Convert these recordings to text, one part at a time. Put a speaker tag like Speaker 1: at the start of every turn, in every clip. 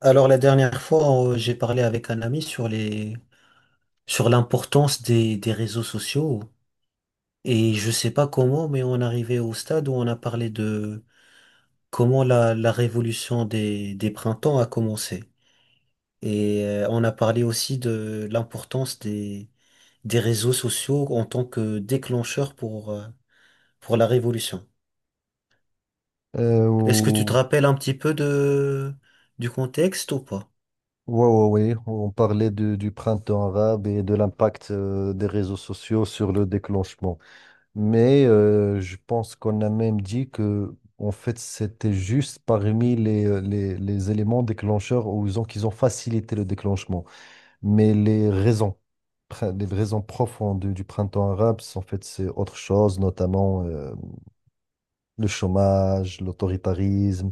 Speaker 1: Alors la dernière fois, j'ai parlé avec un ami sur les sur l'importance des réseaux sociaux et je sais pas comment, mais on arrivait au stade où on a parlé de comment la révolution des printemps a commencé. Et on a parlé aussi de l'importance des réseaux sociaux en tant que déclencheur pour la révolution.
Speaker 2: Euh,
Speaker 1: Est-ce que tu te
Speaker 2: ou-
Speaker 1: rappelles un petit peu de, du contexte ou pas?
Speaker 2: ouais, ouais, ouais. On parlait du printemps arabe et de l'impact des réseaux sociaux sur le déclenchement. Mais je pense qu'on a même dit que, en fait, c'était juste parmi les, les éléments déclencheurs qu'ils ont facilité le déclenchement. Mais les raisons, les raisons profondes du printemps arabe, en fait, c'est autre chose, notamment le chômage, l'autoritarisme.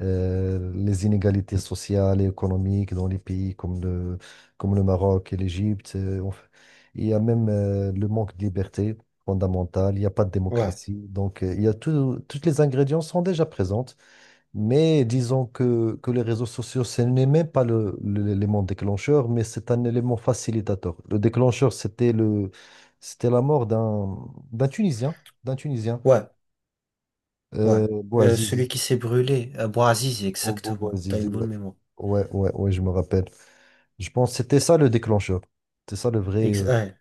Speaker 2: Les inégalités sociales et économiques dans les pays comme comme le Maroc et l'Égypte. Il y a même le manque de liberté fondamentale, il n'y a pas de
Speaker 1: Ouais.
Speaker 2: démocratie. Donc, il y a tout, toutes les ingrédients sont déjà présentes, mais disons que les réseaux sociaux, ce n'est même pas l'élément déclencheur, mais c'est un élément facilitateur. Le déclencheur, c'était la mort d'un Tunisien, d'un Tunisien,
Speaker 1: Ouais. Ouais. Celui
Speaker 2: Bouazizi.
Speaker 1: qui s'est brûlé, Bouazizi,
Speaker 2: Oh, oh, bah,
Speaker 1: exactement. T'as
Speaker 2: Zizou,
Speaker 1: une bonne
Speaker 2: ouais.
Speaker 1: mémoire.
Speaker 2: Ouais, ouais, ouais, je me rappelle. Je pense que c'était ça le déclencheur. C'est ça le vrai.
Speaker 1: Ex- ouais,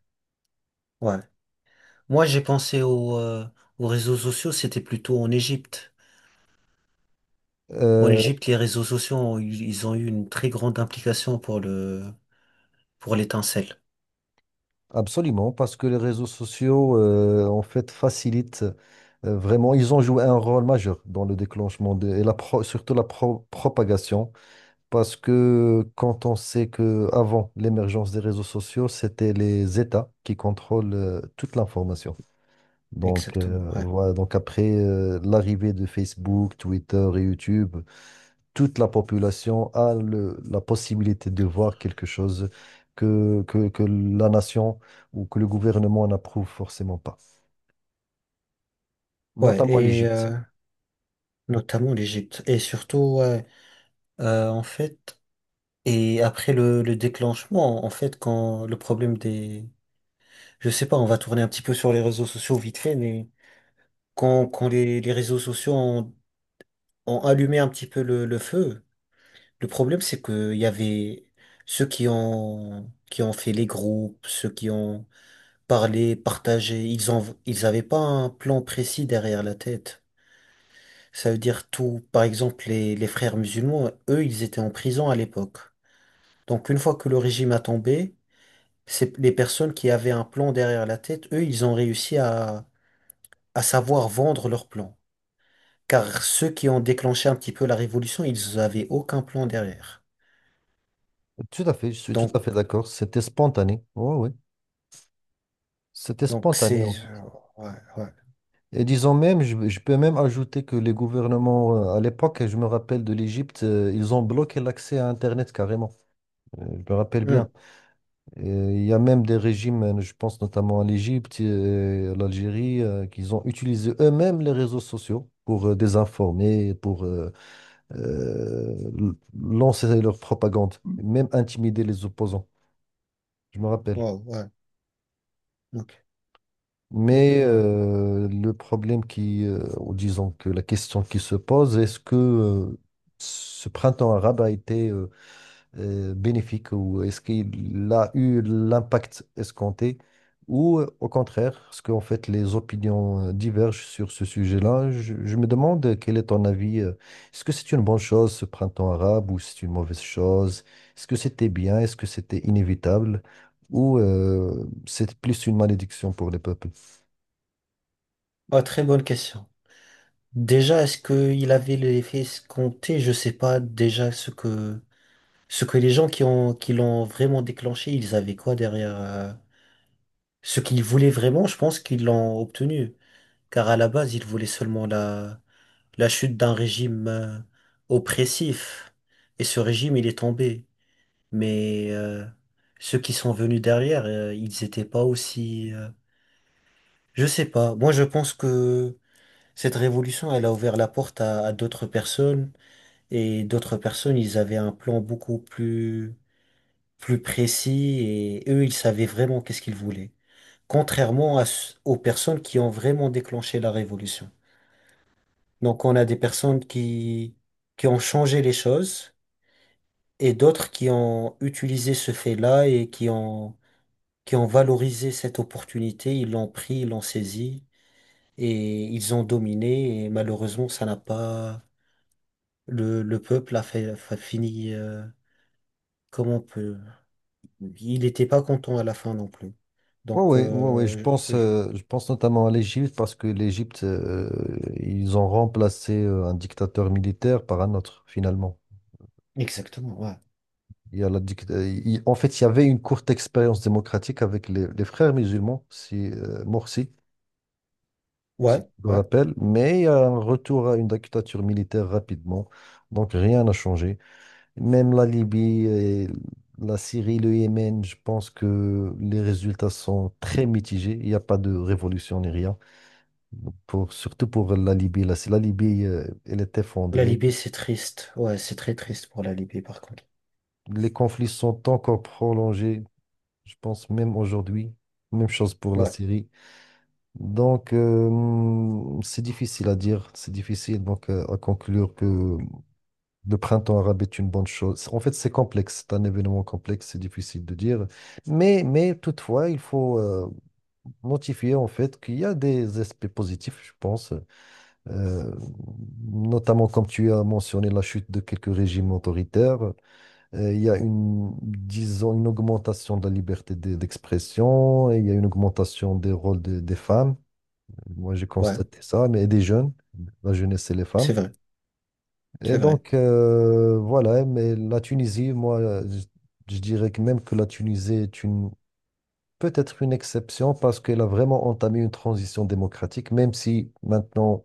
Speaker 1: ouais. Moi, j'ai pensé au, aux réseaux sociaux, c'était plutôt en Égypte. En
Speaker 2: euh,
Speaker 1: Égypte, les réseaux sociaux, ils ont eu une très grande implication pour le, pour l'étincelle.
Speaker 2: Absolument, parce que les réseaux sociaux, en fait, facilitent vraiment. Ils ont joué un rôle majeur dans le déclenchement et la pro- surtout la pro- propagation. Parce que quand on sait que avant l'émergence des réseaux sociaux, c'était les États qui contrôlent toute l'information. Donc,
Speaker 1: Exactement, ouais.
Speaker 2: voilà, donc après l'arrivée de Facebook, Twitter et YouTube. Toute la population a la possibilité de voir quelque chose que la nation ou que le gouvernement n'approuve forcément pas,
Speaker 1: Ouais,
Speaker 2: notamment l'Égypte.
Speaker 1: notamment l'Égypte. Et surtout, ouais, en fait, et après le déclenchement, en fait, quand le problème des... Je sais pas, on va tourner un petit peu sur les réseaux sociaux vite fait, mais quand les réseaux sociaux ont, ont allumé un petit peu le feu, le problème, c'est que il y avait ceux qui ont fait les groupes, ceux qui ont parlé, partagé, ils ont, ils avaient pas un plan précis derrière la tête. Ça veut dire tout. Par exemple, les frères musulmans, eux, ils étaient en prison à l'époque. Donc une fois que le régime a tombé, c'est les personnes qui avaient un plan derrière la tête, eux, ils ont réussi à savoir vendre leur plan. Car ceux qui ont déclenché un petit peu la révolution, ils avaient aucun plan derrière.
Speaker 2: Tout à fait, je suis tout
Speaker 1: Donc,
Speaker 2: à fait d'accord. C'était spontané. Oui, oui. C'était
Speaker 1: donc
Speaker 2: spontané,
Speaker 1: c'est...
Speaker 2: en fait.
Speaker 1: Ouais, ouais.
Speaker 2: Et disons même, je peux même ajouter que les gouvernements, à l'époque, je me rappelle de l'Égypte, ils ont bloqué l'accès à Internet carrément. Je me rappelle bien.
Speaker 1: Hmm.
Speaker 2: Il y a même des régimes, je pense notamment à l'Égypte et à l'Algérie, qu'ils ont utilisé eux-mêmes les réseaux sociaux pour désinformer, pour euh, l- lancer leur propagande, même intimider les opposants, je me rappelle.
Speaker 1: Wow, ouais. Ok, ok,
Speaker 2: Mais
Speaker 1: ouais.
Speaker 2: le problème, ou disons que la question qui se pose, est-ce que ce printemps arabe a été bénéfique, ou est-ce qu'il a eu l'impact escompté, ou au contraire, parce qu'en fait les opinions divergent sur ce sujet-là. Je me demande quel est ton avis. Est-ce que c'est une bonne chose ce printemps arabe, ou c'est une mauvaise chose? Est-ce que c'était bien? Est-ce que c'était inévitable? Ou c'est plus une malédiction pour les peuples?
Speaker 1: Ah, très bonne question. Déjà, est-ce qu'il avait l'effet escompté? Je sais pas déjà ce que les gens qui ont qui l'ont vraiment déclenché, ils avaient quoi derrière ce qu'ils voulaient vraiment, je pense qu'ils l'ont obtenu. Car à la base, ils voulaient seulement la, la chute d'un régime oppressif. Et ce régime, il est tombé. Mais ceux qui sont venus derrière, ils n'étaient pas aussi... Je sais pas. Moi, je pense que cette révolution, elle a ouvert la porte à d'autres personnes. Et d'autres personnes, ils avaient un plan beaucoup plus, plus précis. Et eux, ils savaient vraiment qu'est-ce qu'ils voulaient, contrairement à aux personnes qui ont vraiment déclenché la révolution. Donc on a des personnes qui ont changé les choses et d'autres qui ont utilisé ce fait-là et qui ont valorisé cette opportunité, ils l'ont pris, ils l'ont saisi et ils ont dominé et malheureusement ça n'a pas... le peuple a fait, a fini comme on peut. Il n'était pas content à la fin non plus.
Speaker 2: Oui,
Speaker 1: Donc,
Speaker 2: ouais, ouais, ouais, ouais, je pense notamment à l'Égypte, parce que l'Égypte, ils ont remplacé un dictateur militaire par un autre, finalement.
Speaker 1: exactement, ouais.
Speaker 2: Il y a la dict- il- En fait, il y avait une courte expérience démocratique avec les frères musulmans, si, Morsi, si
Speaker 1: Ouais,
Speaker 2: tu te
Speaker 1: ouais.
Speaker 2: rappelles, mais il y a un retour à une dictature militaire rapidement, donc rien n'a changé. Même la Libye, et la Syrie, le Yémen, je pense que les résultats sont très mitigés, il n'y a pas de révolution ni rien, pour, surtout pour la Libye. Là, si la Libye, elle est
Speaker 1: La
Speaker 2: effondrée,
Speaker 1: Libye, c'est triste. Ouais, c'est très triste pour la Libye, par contre.
Speaker 2: les conflits sont encore prolongés, je pense même aujourd'hui, même chose pour la
Speaker 1: Ouais,
Speaker 2: Syrie. Donc, c'est difficile à dire, c'est difficile donc à conclure que le printemps arabe est une bonne chose. En fait, c'est complexe, c'est un événement complexe, c'est difficile de dire. Mais toutefois, il faut notifier en fait qu'il y a des aspects positifs, je pense. Euh, Notamment comme tu as mentionné, la chute de quelques régimes autoritaires. Il y a une, disons, une augmentation de la liberté d'expression, et il y a une augmentation des rôles des femmes. Moi, j'ai
Speaker 1: ouais,
Speaker 2: constaté ça, mais des jeunes, la jeunesse, c'est les
Speaker 1: c'est
Speaker 2: femmes.
Speaker 1: vrai,
Speaker 2: Et
Speaker 1: c'est vrai.
Speaker 2: donc, voilà, mais la Tunisie, moi, je, je dirais que même que la Tunisie est une, peut-être une exception, parce qu'elle a vraiment entamé une transition démocratique, même si maintenant,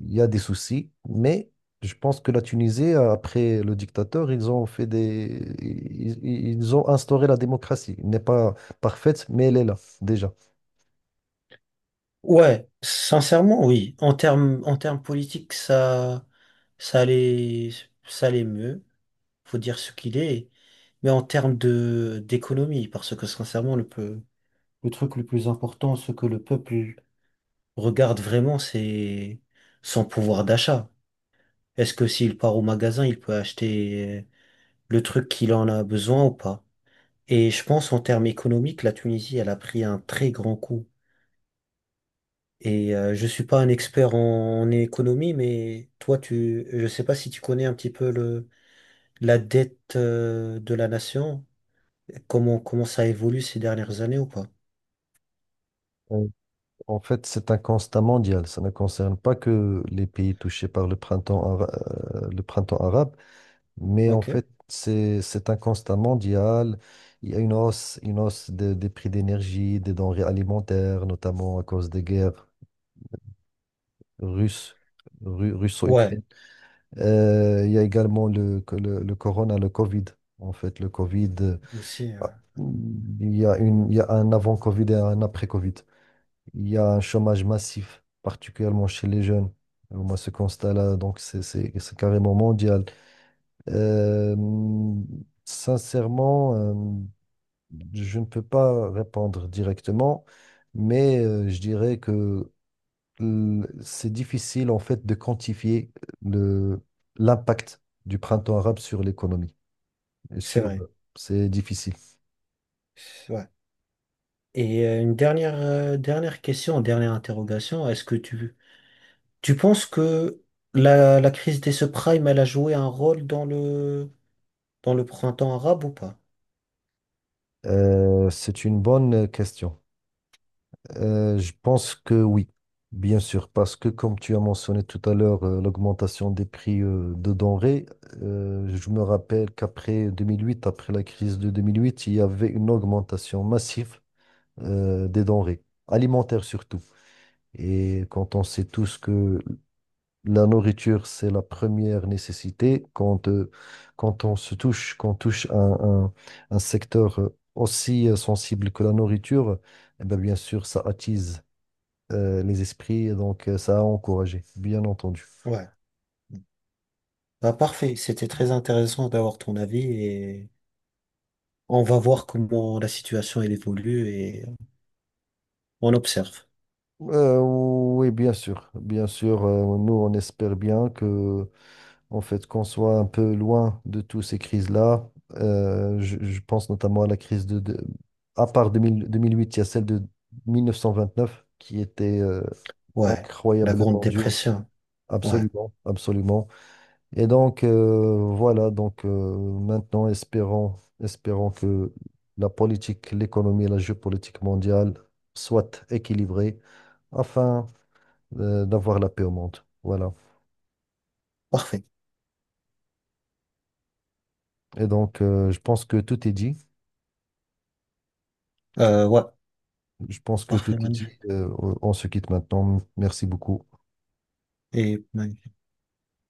Speaker 2: il y a des soucis. Mais je pense que la Tunisie, après le dictateur, ils ont fait des, ils ont instauré la démocratie. Elle n'est pas parfaite, mais elle est là, déjà.
Speaker 1: Ouais, sincèrement, oui. En termes politiques, ça, ça allait, ça allait mieux. Faut dire ce qu'il est. Mais en termes de, d'économie, parce que sincèrement, le truc le plus important, ce que le peuple regarde vraiment, c'est son pouvoir d'achat. Est-ce que s'il part au magasin, il peut acheter le truc qu'il en a besoin ou pas? Et je pense en termes économiques, la Tunisie, elle a pris un très grand coup. Je suis pas un expert en, en économie, mais toi, tu, je sais pas si tu connais un petit peu le, la dette de la nation, comment, comment ça évolue ces dernières années ou pas?
Speaker 2: Euh, En fait, c'est un constat mondial. Ça ne concerne pas que les pays touchés par le printemps arabe, mais en
Speaker 1: Ok.
Speaker 2: fait, c'est un constat mondial. Il y a une hausse des prix d'énergie, des denrées alimentaires, notamment à cause des guerres russes,
Speaker 1: Ouais,
Speaker 2: russo-ukrainiennes. Il y a également le corona, le Covid. En fait, le Covid,
Speaker 1: aussi,
Speaker 2: il y a il y a un avant-Covid et un après-Covid. Il y a un chômage massif, particulièrement chez les jeunes. Alors, moi, ce constat-là, donc, c'est carrément mondial. Euh, sincèrement, je ne peux pas répondre directement, mais je dirais que c'est difficile, en fait, de quantifier le, l'impact du printemps arabe sur l'économie. Et
Speaker 1: c'est
Speaker 2: sur,
Speaker 1: vrai.
Speaker 2: c'est difficile.
Speaker 1: Ouais. Une dernière, dernière question, dernière interrogation. Est-ce que tu penses que la crise des subprimes, elle a joué un rôle dans le printemps arabe ou pas?
Speaker 2: C'est une bonne question. Je pense que oui, bien sûr, parce que comme tu as mentionné tout à l'heure, l'augmentation des prix de denrées, je me rappelle qu'après 2008, après la crise de 2008, il y avait une augmentation massive des denrées, alimentaires surtout. Et quand on sait tous que la nourriture, c'est la première nécessité, quand, qu'on touche un secteur aussi sensible que la nourriture, eh ben, bien sûr, ça attise les esprits, donc ça a encouragé, bien entendu.
Speaker 1: Ouais. Bah, parfait, c'était très intéressant d'avoir ton avis et on va voir comment la situation elle évolue et on observe.
Speaker 2: Oui, bien sûr, bien sûr. Nous, on espère bien que, en fait, qu'on soit un peu loin de toutes ces crises-là. Je pense notamment à la crise à part 2000 2008, il y a celle de 1929 qui était
Speaker 1: Ouais, la Grande
Speaker 2: incroyablement dure.
Speaker 1: Dépression. Ouais,
Speaker 2: Absolument, absolument. Et donc, voilà, donc maintenant, espérons, espérons que la politique, l'économie et la géopolitique mondiale soient équilibrées afin d'avoir la paix au monde. Voilà.
Speaker 1: parfait.
Speaker 2: Et donc, je pense que tout est dit.
Speaker 1: Ouais,
Speaker 2: Je pense que tout
Speaker 1: parfait,
Speaker 2: est
Speaker 1: magnifique.
Speaker 2: dit. On se quitte maintenant. Merci beaucoup.
Speaker 1: Et magnifique.